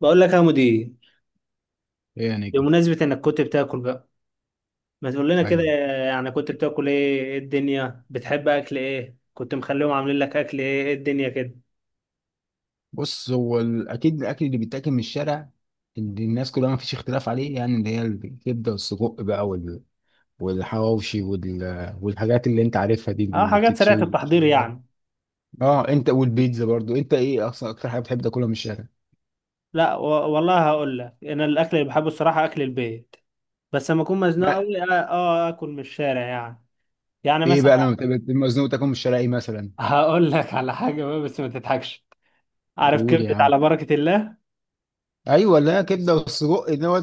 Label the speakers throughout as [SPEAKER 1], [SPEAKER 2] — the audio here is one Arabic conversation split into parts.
[SPEAKER 1] بقول لك يا مدير،
[SPEAKER 2] ايه يا نجم.
[SPEAKER 1] بمناسبة انك كنت بتاكل بقى ما تقول لنا كده.
[SPEAKER 2] ايوه،
[SPEAKER 1] يعني كنت بتاكل ايه؟ إيه الدنيا؟ بتحب اكل ايه؟ كنت مخليهم عاملين لك اكل ايه؟ إيه الدنيا كده؟
[SPEAKER 2] بص، هو اكيد الاكل اللي بيتاكل من الشارع، اللي الناس كلها ما فيش اختلاف عليه، يعني اللي هي الكبده والسجق بقى والحواوشي والحاجات اللي انت عارفها دي
[SPEAKER 1] اه،
[SPEAKER 2] اللي
[SPEAKER 1] حاجات سريعة
[SPEAKER 2] بتتشوي.
[SPEAKER 1] التحضير يعني.
[SPEAKER 2] اه، انت والبيتزا برضو، انت ايه اصلا اكتر حاجه بتحب تاكلها من الشارع؟
[SPEAKER 1] لا و... والله هقول لك، انا الاكل اللي بحبه الصراحة اكل البيت. بس لما اكون مزنوق
[SPEAKER 2] ما
[SPEAKER 1] قوي اكل من الشارع يعني. يعني
[SPEAKER 2] ايه بقى لما
[SPEAKER 1] مثلا
[SPEAKER 2] بتبقى مزنوق تاكل من الشارع، ايه مثلا؟
[SPEAKER 1] هقول لك على حاجة بقى بس ما تضحكش. عارف
[SPEAKER 2] قول يا
[SPEAKER 1] كبدة
[SPEAKER 2] عم.
[SPEAKER 1] على بركة الله؟
[SPEAKER 2] ايوه، لا كبده والسجق اللي هو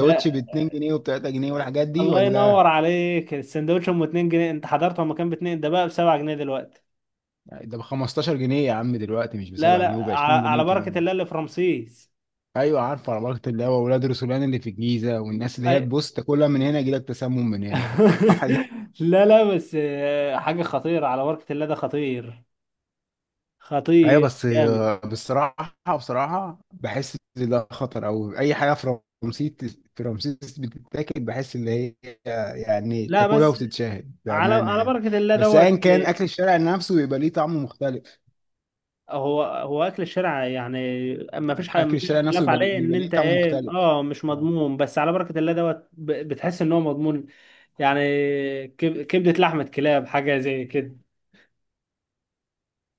[SPEAKER 1] لا،
[SPEAKER 2] ب 2 جنيه وب 3 جنيه والحاجات دي
[SPEAKER 1] الله
[SPEAKER 2] ولا؟
[SPEAKER 1] ينور عليك، السندوتش ام 2 جنيه انت حضرته لما كان ب 2، ده بقى ب 7 جنيه دلوقتي.
[SPEAKER 2] ده ب 15 جنيه يا عم دلوقتي، مش ب
[SPEAKER 1] لا
[SPEAKER 2] 7 جنيه،
[SPEAKER 1] لا
[SPEAKER 2] وب 20
[SPEAKER 1] على
[SPEAKER 2] جنيه
[SPEAKER 1] بركة
[SPEAKER 2] كمان.
[SPEAKER 1] الله اللي في رمسيس.
[SPEAKER 2] ايوه عارف، عربية اللي هو ولاد رسولان اللي في الجيزه، والناس اللي هي
[SPEAKER 1] أي...
[SPEAKER 2] بص، تاكلها من هنا يجيلك تسمم من هنا أو حاجة.
[SPEAKER 1] لا بس حاجة خطيرة، على بركة الله ده خطير.
[SPEAKER 2] ايوه
[SPEAKER 1] خطير
[SPEAKER 2] بس
[SPEAKER 1] جامد.
[SPEAKER 2] بصراحه بحس ان ده خطر، او اي حاجه في رمسيس، في رمسيس بتتاكل بحس ان هي يعني
[SPEAKER 1] لا
[SPEAKER 2] تاكلها
[SPEAKER 1] بس
[SPEAKER 2] وتتشهد
[SPEAKER 1] على
[SPEAKER 2] بامانه
[SPEAKER 1] على
[SPEAKER 2] يعني.
[SPEAKER 1] بركة الله
[SPEAKER 2] بس
[SPEAKER 1] دوت
[SPEAKER 2] ايا كان، اكل الشارع نفسه بيبقى ليه طعم مختلف.
[SPEAKER 1] هو أكل الشارع يعني. ما فيش حاجة،
[SPEAKER 2] اكل
[SPEAKER 1] ما فيش
[SPEAKER 2] الشارع نفسه
[SPEAKER 1] خلاف
[SPEAKER 2] بيبقى
[SPEAKER 1] عليه إن
[SPEAKER 2] بيبقى ليه
[SPEAKER 1] أنت
[SPEAKER 2] طعم
[SPEAKER 1] إيه،
[SPEAKER 2] مختلف.
[SPEAKER 1] أه، مش
[SPEAKER 2] آه.
[SPEAKER 1] مضمون، بس على بركة الله دوت بتحس إن هو مضمون. يعني كبدة، لحمة كلاب، حاجة زي كده.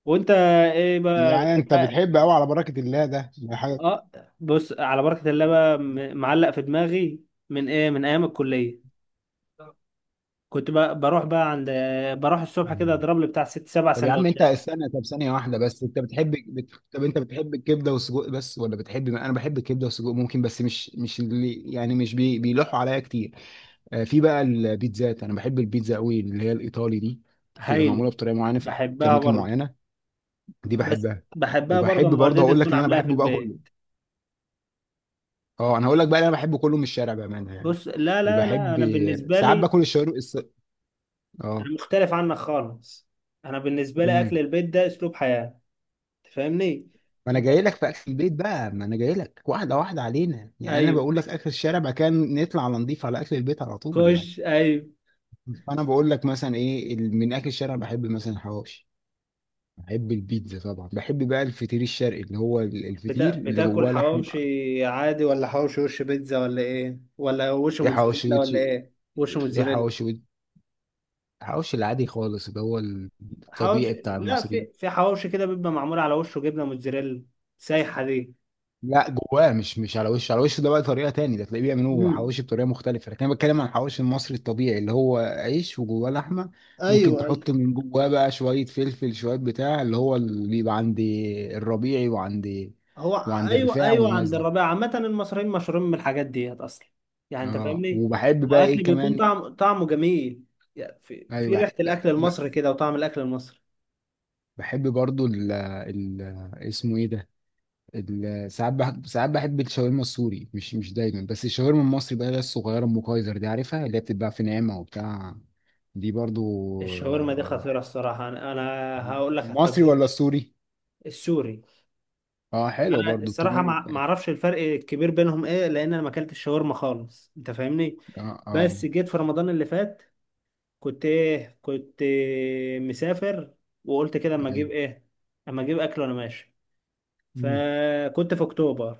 [SPEAKER 1] وأنت إيه بقى
[SPEAKER 2] يعني انت
[SPEAKER 1] بتحب؟
[SPEAKER 2] بتحب قوي على بركه الله ده؟ حاجه؟
[SPEAKER 1] اه، بص، على بركة الله بقى معلق في دماغي من ايه، من ايام الكلية. كنت بقى بروح بقى عند بروح الصبح كده
[SPEAKER 2] مم.
[SPEAKER 1] اضرب لي بتاع ست سبع
[SPEAKER 2] طب يا عم انت
[SPEAKER 1] سندوتشات
[SPEAKER 2] استنى، طب ثانية واحدة بس، انت بتحب طب انت بتحب الكبدة والسجق بس، ولا بتحب؟ انا بحب الكبدة والسجق ممكن، بس مش اللي يعني مش بي... بيلوحوا عليا كتير. آه، في بقى البيتزات، انا بحب البيتزا قوي اللي هي الايطالي دي، تبقى
[SPEAKER 1] هايلة.
[SPEAKER 2] معمولة بطريقة معينة في في
[SPEAKER 1] بحبها
[SPEAKER 2] اماكن
[SPEAKER 1] برضه.
[SPEAKER 2] معينة، دي
[SPEAKER 1] بس
[SPEAKER 2] بحبها.
[SPEAKER 1] بحبها برضه
[SPEAKER 2] وبحب
[SPEAKER 1] اما
[SPEAKER 2] برضه
[SPEAKER 1] والدتي
[SPEAKER 2] هقول لك
[SPEAKER 1] تكون
[SPEAKER 2] اللي انا
[SPEAKER 1] عاملاها في
[SPEAKER 2] بحبه بقى كله.
[SPEAKER 1] البيت.
[SPEAKER 2] اه، انا هقول لك بقى اللي انا بحبه كله من الشارع بامانة يعني.
[SPEAKER 1] بص، لا،
[SPEAKER 2] وبحب
[SPEAKER 1] انا بالنسبة
[SPEAKER 2] ساعات
[SPEAKER 1] لي
[SPEAKER 2] باكل الشاورما
[SPEAKER 1] انا
[SPEAKER 2] اه.
[SPEAKER 1] مختلف عنك خالص. انا بالنسبة لي اكل
[SPEAKER 2] امم.
[SPEAKER 1] البيت ده اسلوب حياة، تفهمني؟
[SPEAKER 2] ما انا
[SPEAKER 1] انت،
[SPEAKER 2] جاي لك في اخر البيت بقى، ما انا جاي لك واحده واحده علينا يعني، انا
[SPEAKER 1] ايوه،
[SPEAKER 2] بقول لك اخر الشارع بعد كده نطلع على نضيف على اخر البيت على طول
[SPEAKER 1] خش،
[SPEAKER 2] يعني.
[SPEAKER 1] ايوه.
[SPEAKER 2] فانا بقول لك مثلا ايه من اخر الشارع بحب مثلا الحواوشي، بحب البيتزا طبعا، بحب بقى الفطير الشرقي اللي هو الفطير اللي
[SPEAKER 1] بتاكل
[SPEAKER 2] جواه لحم.
[SPEAKER 1] حواوشي عادي ولا حواوشي وش بيتزا ولا ايه؟ ولا وش
[SPEAKER 2] ايه حواوشي
[SPEAKER 1] موتزاريلا؟
[SPEAKER 2] وتش-
[SPEAKER 1] ولا ايه، وش
[SPEAKER 2] ايه
[SPEAKER 1] موتزاريلا؟
[SPEAKER 2] حواوشي وت- حواوشي العادي خالص اللي هو الطبيعي
[SPEAKER 1] حواوشي،
[SPEAKER 2] بتاع
[SPEAKER 1] لا،
[SPEAKER 2] المصريين.
[SPEAKER 1] في حواوشي كده بيبقى معمول على وشه جبنه موتزاريلا سايحه دي.
[SPEAKER 2] لا جواه، مش على وشه، على وشه ده بقى طريقه تاني، ده تلاقيه بيعملوا
[SPEAKER 1] امم،
[SPEAKER 2] حواوشي بطريقه مختلفه، لكن انا بتكلم عن الحواوشي المصري الطبيعي اللي هو عيش وجواه لحمه. ممكن
[SPEAKER 1] ايوه ايوه.
[SPEAKER 2] تحط من جواه بقى شويه فلفل، شويه بتاع اللي هو اللي بيبقى عند الربيعي وعند،
[SPEAKER 1] هو
[SPEAKER 2] وعند
[SPEAKER 1] ايوه
[SPEAKER 2] الرفاع
[SPEAKER 1] ايوه،
[SPEAKER 2] والناس
[SPEAKER 1] عند
[SPEAKER 2] دي.
[SPEAKER 1] الربيع، عامه المصريين مشهورين من الحاجات ديت اصلا. يعني انت
[SPEAKER 2] اه،
[SPEAKER 1] فاهمني.
[SPEAKER 2] وبحب بقى
[SPEAKER 1] واكل
[SPEAKER 2] ايه
[SPEAKER 1] بيكون
[SPEAKER 2] كمان؟
[SPEAKER 1] طعمه جميل، يعني في
[SPEAKER 2] ايوه،
[SPEAKER 1] ريحه الاكل المصري كده وطعم الاكل المصري.
[SPEAKER 2] بحب برضو ال اسمه ايه ده، ساعات ساعات بحب الشاورما السوري، مش دايما، بس الشاورما المصري بقى اللي هي الصغيره ام كايزر دي، عارفها؟ اللي هي بتتباع في نعمه وبتاع، دي برضو.
[SPEAKER 1] الشاورما دي
[SPEAKER 2] آه،
[SPEAKER 1] خطيره الصراحه، انا هقول لك على
[SPEAKER 2] مصري
[SPEAKER 1] التجربه.
[SPEAKER 2] ولا سوري؟
[SPEAKER 1] السوري.
[SPEAKER 2] اه حلو
[SPEAKER 1] انا
[SPEAKER 2] برضو،
[SPEAKER 1] الصراحه
[SPEAKER 2] التوميه
[SPEAKER 1] ما اعرفش الفرق الكبير بينهم ايه، لان انا ما اكلتش شاورما خالص، انت فاهمني.
[SPEAKER 2] اه. اه،
[SPEAKER 1] بس جيت في رمضان اللي فات، كنت ايه، كنت إيه، مسافر، وقلت كده اما
[SPEAKER 2] ايوه.
[SPEAKER 1] اجيب ايه، اما اجيب اكل وانا ماشي.
[SPEAKER 2] مم.
[SPEAKER 1] فكنت في اكتوبر،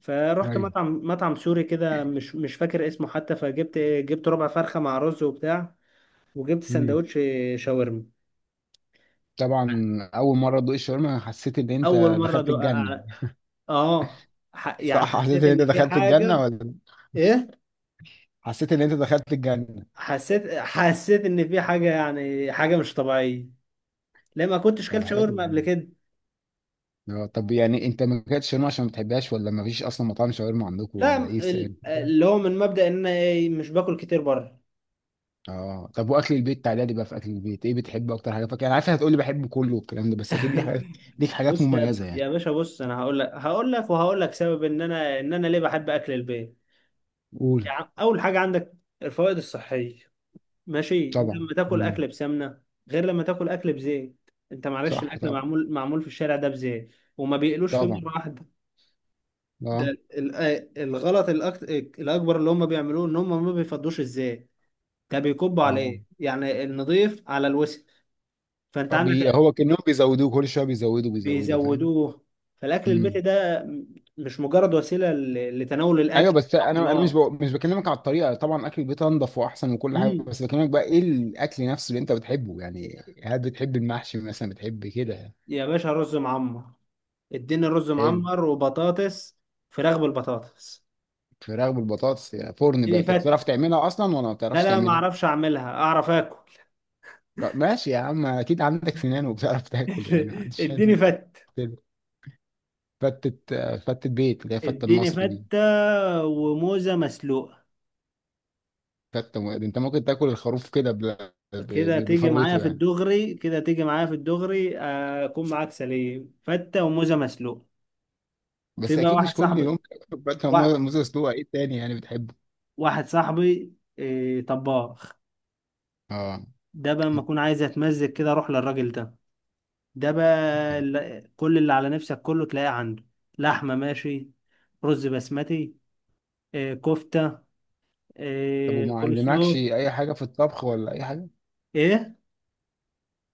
[SPEAKER 1] فرحت
[SPEAKER 2] ايوه.
[SPEAKER 1] مطعم سوري كده، مش مش فاكر اسمه حتى، فجبت إيه، جبت ربع فرخه مع رز وبتاع، وجبت
[SPEAKER 2] مم.
[SPEAKER 1] سندوتش شاورما.
[SPEAKER 2] طبعا. اول مره ادوق الشاورما حسيت ان
[SPEAKER 1] اول
[SPEAKER 2] انت
[SPEAKER 1] مره
[SPEAKER 2] دخلت
[SPEAKER 1] ادوق.
[SPEAKER 2] الجنه.
[SPEAKER 1] اه، يعني
[SPEAKER 2] صح؟ حسيت
[SPEAKER 1] حسيت
[SPEAKER 2] ان انت
[SPEAKER 1] ان في
[SPEAKER 2] دخلت الجنه
[SPEAKER 1] حاجه.
[SPEAKER 2] ولا؟
[SPEAKER 1] ايه.
[SPEAKER 2] حسيت ان انت دخلت الجنه.
[SPEAKER 1] حسيت، حسيت ان في حاجه يعني، حاجه مش طبيعيه، ليه ما كنتش
[SPEAKER 2] طب
[SPEAKER 1] كلت
[SPEAKER 2] حلو.
[SPEAKER 1] شاورما قبل كده.
[SPEAKER 2] اه طب يعني انت ما كانتش شاورما عشان ما بتحبهاش، ولا ما فيش اصلا مطاعم شاورما عندكم،
[SPEAKER 1] لا،
[SPEAKER 2] ولا ايه السبب؟
[SPEAKER 1] اللي هو من مبدأ ان انا ايه، مش باكل كتير بره.
[SPEAKER 2] اه طب، واكل البيت، تعالى لي بقى في اكل البيت، ايه بتحب اكتر حاجه؟ فاكر انا عارف هتقول لي بحب كله والكلام ده، بس اكيد ليك حاجات، ليك حاجات
[SPEAKER 1] بص يا
[SPEAKER 2] مميزه
[SPEAKER 1] يا
[SPEAKER 2] يعني.
[SPEAKER 1] باشا، بص، انا هقول لك هقول لك وهقول لك سبب ان انا ان انا ليه بحب اكل البيت.
[SPEAKER 2] قول.
[SPEAKER 1] يعني اول حاجه عندك الفوائد الصحيه، ماشي؟ انت
[SPEAKER 2] طبعا.
[SPEAKER 1] لما تاكل
[SPEAKER 2] مم.
[SPEAKER 1] اكل بسمنه غير لما تاكل اكل بزيت. انت معلش،
[SPEAKER 2] صح
[SPEAKER 1] الاكل
[SPEAKER 2] طبعا.
[SPEAKER 1] معمول معمول في الشارع ده بزيت، وما بيقلوش فيه
[SPEAKER 2] طبعا.
[SPEAKER 1] مره واحده. ده
[SPEAKER 2] اه.
[SPEAKER 1] الغلط الأكبر اللي هم بيعملوه إن هم ما بيفضوش، إزاي؟ ده بيكبوا على
[SPEAKER 2] اه.
[SPEAKER 1] إيه يعني، النظيف على الوسخ. فأنت عندك
[SPEAKER 2] هو كانهم بيزودوه كل شويه، بيزودوا، فاهم.
[SPEAKER 1] بيزودوه. فالأكل البيتي
[SPEAKER 2] امم.
[SPEAKER 1] ده مش مجرد وسيلة لتناول
[SPEAKER 2] ايوه
[SPEAKER 1] الأكل
[SPEAKER 2] بس انا،
[SPEAKER 1] خلاص.
[SPEAKER 2] مش بكلمك على الطريقه، طبعا اكل البيت انضف واحسن وكل حاجه،
[SPEAKER 1] مم.
[SPEAKER 2] بس بكلمك بقى ايه الاكل نفسه اللي انت بتحبه يعني، هل بتحب المحشي مثلا، بتحب كده؟
[SPEAKER 1] يا باشا، رز معمر. اديني رز
[SPEAKER 2] حلو.
[SPEAKER 1] معمر وبطاطس، فراخ بالبطاطس.
[SPEAKER 2] الفراخ بالبطاطس يا فرن بقى،
[SPEAKER 1] اديني
[SPEAKER 2] انت بتعرف
[SPEAKER 1] فت.
[SPEAKER 2] تعملها اصلا ولا ما
[SPEAKER 1] لا
[SPEAKER 2] بتعرفش
[SPEAKER 1] لا، ما
[SPEAKER 2] تعملها؟
[SPEAKER 1] اعرفش اعملها، اعرف اكل.
[SPEAKER 2] لا، ماشي يا عم، اكيد عندك سنان وبتعرف تاكل يعني، ما عنديش حد
[SPEAKER 1] اديني فت،
[SPEAKER 2] يختلف. فتة. فتة بيت اللي هي فتة
[SPEAKER 1] اديني
[SPEAKER 2] المصري دي.
[SPEAKER 1] فتة وموزة مسلوقة.
[SPEAKER 2] انت ممكن تاكل الخروف كده
[SPEAKER 1] كده تيجي معايا
[SPEAKER 2] بفروته
[SPEAKER 1] في
[SPEAKER 2] يعني؟
[SPEAKER 1] الدغري، كده تيجي معايا في الدغري، اكون معاك سليم، فتة وموزة مسلوق. في
[SPEAKER 2] بس
[SPEAKER 1] بقى
[SPEAKER 2] اكيد
[SPEAKER 1] واحد
[SPEAKER 2] مش كل يوم
[SPEAKER 1] صاحبي،
[SPEAKER 2] تاكل فتة،
[SPEAKER 1] وا-
[SPEAKER 2] موز مسلوقة، ايه تاني يعني بتحبه؟
[SPEAKER 1] واحد صاحبي، طباخ،
[SPEAKER 2] اه.
[SPEAKER 1] ده بقى لما اكون عايز اتمزج كده اروح للراجل ده. ده بقى كل اللي على نفسك كله تلاقيه عنده. لحمة ماشي، رز بسمتي، كفتة،
[SPEAKER 2] طب وما
[SPEAKER 1] كول
[SPEAKER 2] علمكش
[SPEAKER 1] سلو.
[SPEAKER 2] اي حاجة في الطبخ، ولا اي حاجة؟
[SPEAKER 1] ايه؟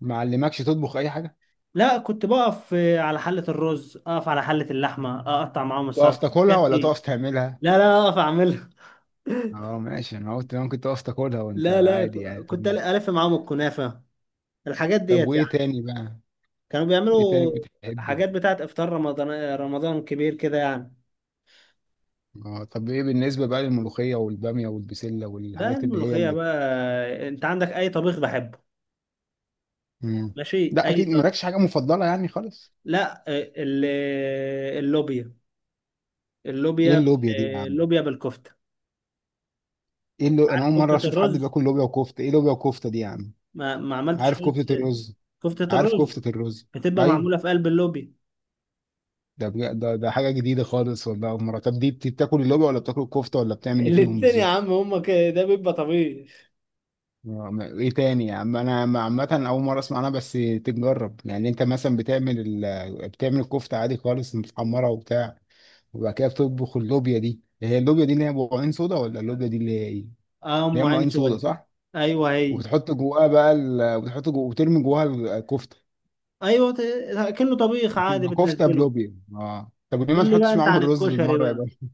[SPEAKER 2] ما علمكش تطبخ اي حاجة؟
[SPEAKER 1] لا، كنت بقف على حلة الرز، اقف على حلة اللحمة، اقطع معاهم
[SPEAKER 2] تقف
[SPEAKER 1] السلطة،
[SPEAKER 2] تاكلها
[SPEAKER 1] الحاجات
[SPEAKER 2] ولا
[SPEAKER 1] دي.
[SPEAKER 2] تقف تعملها؟
[SPEAKER 1] لا اقف اعملها.
[SPEAKER 2] اه ماشي، انا قلت انا كنت اقف تاكلها وانت
[SPEAKER 1] لا
[SPEAKER 2] عادي يعني.
[SPEAKER 1] كنت
[SPEAKER 2] طب.
[SPEAKER 1] ألف معاهم الكنافة، الحاجات
[SPEAKER 2] طب
[SPEAKER 1] ديت
[SPEAKER 2] وايه
[SPEAKER 1] يعني،
[SPEAKER 2] تاني بقى؟
[SPEAKER 1] كانوا
[SPEAKER 2] ايه تاني
[SPEAKER 1] بيعملوا
[SPEAKER 2] بتحبي؟
[SPEAKER 1] حاجات بتاعت إفطار رمضان. رمضان كبير كده يعني.
[SPEAKER 2] اه طب ايه بالنسبه بقى للملوخيه والباميه والبسله
[SPEAKER 1] لا،
[SPEAKER 2] والحاجات اللي هي
[SPEAKER 1] الملوخية
[SPEAKER 2] اللي.
[SPEAKER 1] بقى، أنت عندك أي طبيخ بحبه،
[SPEAKER 2] مم.
[SPEAKER 1] ماشي،
[SPEAKER 2] لا
[SPEAKER 1] أي
[SPEAKER 2] اكيد
[SPEAKER 1] طب.
[SPEAKER 2] مالكش حاجه مفضله يعني خالص؟
[SPEAKER 1] لا، اللوبيا،
[SPEAKER 2] ايه
[SPEAKER 1] اللوبيا
[SPEAKER 2] اللوبيا
[SPEAKER 1] بال-
[SPEAKER 2] دي يا عم؟
[SPEAKER 1] اللوبيا بالكفتة. عارف
[SPEAKER 2] انا اول مره
[SPEAKER 1] كفتة
[SPEAKER 2] اشوف حد
[SPEAKER 1] الرز؟
[SPEAKER 2] بياكل لوبيا وكفته، ايه لوبيا وكفته دي يا عم؟
[SPEAKER 1] ما عملتش
[SPEAKER 2] عارف
[SPEAKER 1] خالص.
[SPEAKER 2] كفته الرز.
[SPEAKER 1] كفتة
[SPEAKER 2] عارف
[SPEAKER 1] الرز
[SPEAKER 2] كفته الرز.
[SPEAKER 1] بتبقى معمولة
[SPEAKER 2] ايوه.
[SPEAKER 1] في قلب اللوبيا.
[SPEAKER 2] ده حاجه جديده خالص والله، اول مره. طب دي بتاكل اللوبيا ولا بتاكل الكفته، ولا بتعمل ايه فيهم
[SPEAKER 1] الاتنين يا
[SPEAKER 2] بالظبط؟
[SPEAKER 1] عم، هما كده، ده بيبقى طبيخ.
[SPEAKER 2] آه، ايه تاني يا عم، عامه اول مره اسمع عنها، بس تتجرب يعني. انت مثلا بتعمل بتعمل الكفته عادي خالص، متحمره وبتاع، وبعد كده بتطبخ اللوبيا دي. هي اللوبيا دي اللي هي بعين صودا، ولا اللوبيا دي اللي هي ايه اللي
[SPEAKER 1] اه، ام
[SPEAKER 2] هي
[SPEAKER 1] عين
[SPEAKER 2] معين صودا،
[SPEAKER 1] سود.
[SPEAKER 2] صح؟
[SPEAKER 1] ايوه هي.
[SPEAKER 2] وبتحط جواها بقى وترمي جواها الكفته،
[SPEAKER 1] كله طبيخ عادي
[SPEAKER 2] بتبقى كفته
[SPEAKER 1] بتنزله.
[SPEAKER 2] بلوبيا. اه طب ليه ما
[SPEAKER 1] قول لي بقى
[SPEAKER 2] تحطش
[SPEAKER 1] انت
[SPEAKER 2] معاهم
[SPEAKER 1] عن
[SPEAKER 2] الرز
[SPEAKER 1] الكشري
[SPEAKER 2] بالمره يا
[SPEAKER 1] بقى.
[SPEAKER 2] باشا؟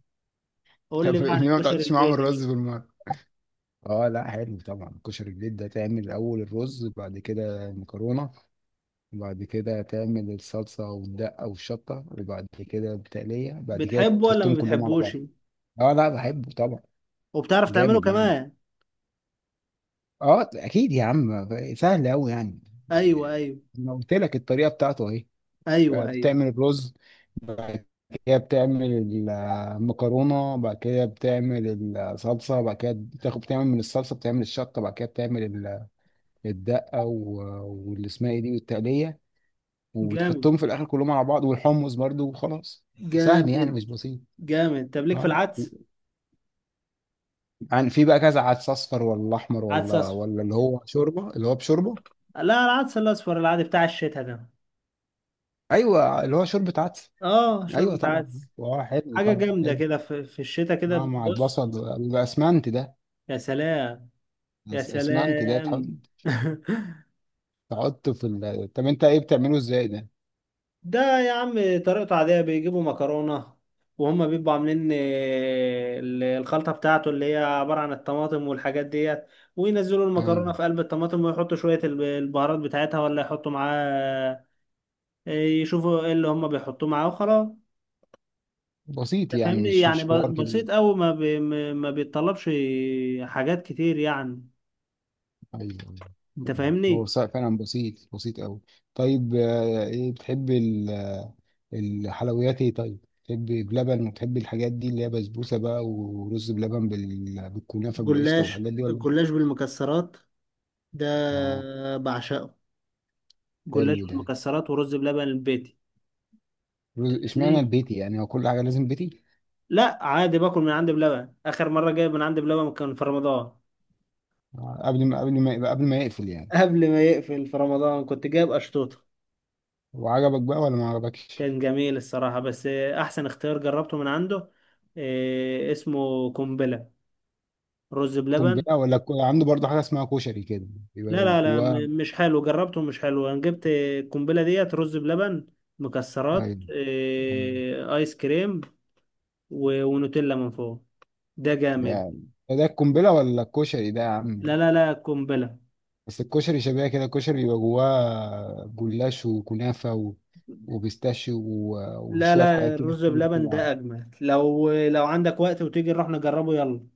[SPEAKER 1] قول
[SPEAKER 2] طب
[SPEAKER 1] لي بقى عن
[SPEAKER 2] ليه ما
[SPEAKER 1] الكشري
[SPEAKER 2] تحطش معاهم الرز
[SPEAKER 1] البيتي.
[SPEAKER 2] بالمره؟ اه، لا حلو طبعا، كشري البيت ده، تعمل اول الرز بعد كده مكرونه، بعد كده تعمل الصلصة والدقة والشطة، وبعد كده التقلية،
[SPEAKER 1] بقى
[SPEAKER 2] بعد كده
[SPEAKER 1] بتحبه ولا ما
[SPEAKER 2] تحطهم كلهم على بعض.
[SPEAKER 1] بتحبوش؟
[SPEAKER 2] اه، لا بحبه طبعا.
[SPEAKER 1] وبتعرف تعمله
[SPEAKER 2] جامد يعني.
[SPEAKER 1] كمان؟
[SPEAKER 2] اه اكيد يا عم. سهل قوي يعني.
[SPEAKER 1] ايوه
[SPEAKER 2] إيه،
[SPEAKER 1] ايوه
[SPEAKER 2] انا قلت لك الطريقة بتاعته اهي. آه،
[SPEAKER 1] ايوه.
[SPEAKER 2] بتعمل الرز، بعد كده بتعمل المكرونة، بعد كده بتعمل الصلصة، بعد كده بتاخد بتعمل من الصلصة بتعمل الشطة، بعد كده بتعمل الدقة واللي اسمها ايه دي والتقلية،
[SPEAKER 1] جامد.
[SPEAKER 2] وتحطهم في الاخر كلهم على بعض، والحمص برضو، وخلاص. سهل يعني
[SPEAKER 1] جامد.
[SPEAKER 2] مش بسيط.
[SPEAKER 1] جامد. طب ليك في
[SPEAKER 2] اه.
[SPEAKER 1] العدس؟
[SPEAKER 2] يعني في بقى كذا عدس، اصفر ولا احمر،
[SPEAKER 1] عدس اصفر.
[SPEAKER 2] ولا اللي هو شوربه اللي هو بشوربه؟
[SPEAKER 1] لا، العدس الاصفر العادي بتاع الشتاء ده.
[SPEAKER 2] ايوه اللي هو شوربه عدس.
[SPEAKER 1] اه،
[SPEAKER 2] ايوه
[SPEAKER 1] شوربة
[SPEAKER 2] طبعا.
[SPEAKER 1] عدس.
[SPEAKER 2] اه حلو
[SPEAKER 1] حاجة
[SPEAKER 2] طبعا
[SPEAKER 1] جامدة
[SPEAKER 2] حلو.
[SPEAKER 1] كده في الشتاء
[SPEAKER 2] اه
[SPEAKER 1] كده.
[SPEAKER 2] مع البصل.
[SPEAKER 1] بص،
[SPEAKER 2] الاسمنت ده.
[SPEAKER 1] يا سلام، يا
[SPEAKER 2] اسمنت ده تحط،
[SPEAKER 1] سلام.
[SPEAKER 2] تحطه في طب انت ايه بتعمله ازاي ده؟
[SPEAKER 1] ده يا عم طريقته عادية، بيجيبوا مكرونة، وهم بيبقوا عاملين الخلطة بتاعته اللي هي عبارة عن الطماطم والحاجات ديت، وينزلوا المكرونة
[SPEAKER 2] ايوه
[SPEAKER 1] في قلب الطماطم، ويحطوا شوية البهارات بتاعتها، ولا يحطوا معاه يشوفوا ايه اللي هم بيحطوه معاه وخلاص.
[SPEAKER 2] بسيط
[SPEAKER 1] أنت
[SPEAKER 2] يعني،
[SPEAKER 1] فاهمني يعني،
[SPEAKER 2] مش حوار كبير.
[SPEAKER 1] بسيط أوي، ما, بي ما ما بيتطلبش حاجات كتير يعني،
[SPEAKER 2] ايوه.
[SPEAKER 1] انت
[SPEAKER 2] أيوة. هو
[SPEAKER 1] فاهمني.
[SPEAKER 2] فعلا بسيط، بسيط قوي. طيب آه، ايه بتحب الحلويات؟ ايه طيب، تحبي بلبن، وتحبي الحاجات دي اللي هي بسبوسه بقى، ورز بلبن بالكنافه بالقشطه
[SPEAKER 1] جلاش،
[SPEAKER 2] والحاجات دي ولا؟
[SPEAKER 1] الجلاش بالمكسرات ده
[SPEAKER 2] اه.
[SPEAKER 1] بعشقه. جلاش
[SPEAKER 2] حلو ده.
[SPEAKER 1] بالمكسرات، ورز بلبن البيت.
[SPEAKER 2] رز. اشمعنى
[SPEAKER 1] فاهمني؟
[SPEAKER 2] البيتي يعني، هو كل حاجه لازم بيتي؟
[SPEAKER 1] لا، عادي، باكل من عندي بلبن. اخر مره جايب من عندي بلبن كان في رمضان،
[SPEAKER 2] آه، قبل ما يقفل يعني؟
[SPEAKER 1] قبل ما يقفل. في رمضان كنت جايب اشطوطه.
[SPEAKER 2] وعجبك بقى ولا ما عجبكش؟
[SPEAKER 1] كان جميل الصراحه، بس احسن اختيار جربته من عنده، إيه اسمه، قنبله، رز بلبن.
[SPEAKER 2] قنبله، عنده برضه حاجه اسمها كشري كده،
[SPEAKER 1] لا
[SPEAKER 2] يبقى
[SPEAKER 1] لا لا
[SPEAKER 2] جواه؟
[SPEAKER 1] مش حلو جربته، مش حلو. انا جبت القنبله ديت: رز بلبن، مكسرات،
[SPEAKER 2] ايوه. مم.
[SPEAKER 1] إيه، ايس كريم، ونوتيلا من فوق. ده جامد.
[SPEAKER 2] يعني ده القنبله ولا الكشري ده يا عم؟
[SPEAKER 1] لا قنبله.
[SPEAKER 2] بس الكشري شبيه كده، الكشري بيبقى جواه جلاش وكنافة وبيستاشيو
[SPEAKER 1] لا
[SPEAKER 2] وشوية
[SPEAKER 1] لا
[SPEAKER 2] حاجات كده
[SPEAKER 1] الرز
[SPEAKER 2] كتير
[SPEAKER 1] بلبن ده
[SPEAKER 2] طبعا.
[SPEAKER 1] اجمل، لو عندك وقت وتيجي نروح نجربه يلا.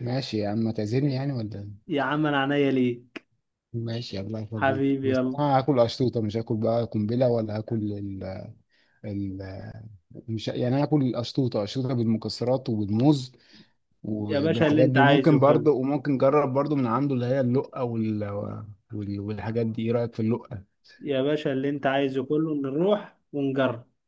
[SPEAKER 2] ماشي يا عم، ما تعزمني يعني ولا؟
[SPEAKER 1] يا عم انا عينيا ليك.
[SPEAKER 2] ماشي الله يخليك،
[SPEAKER 1] حبيبي
[SPEAKER 2] بس
[SPEAKER 1] يلا.
[SPEAKER 2] انا هاكل اشطوطة، مش هاكل بقى قنبلة، ولا هاكل ال... مش يعني انا هاكل الاشطوطة، اشطوطة بالمكسرات وبالموز
[SPEAKER 1] يا باشا اللي
[SPEAKER 2] وبالحاجات
[SPEAKER 1] انت
[SPEAKER 2] دي، وممكن
[SPEAKER 1] عايزه كله،
[SPEAKER 2] برضه جرب برضه من عنده اللي هي اللقة والحاجات دي. ايه رأيك في اللقة؟
[SPEAKER 1] يا باشا اللي انت عايزه كله، نروح ونجرب.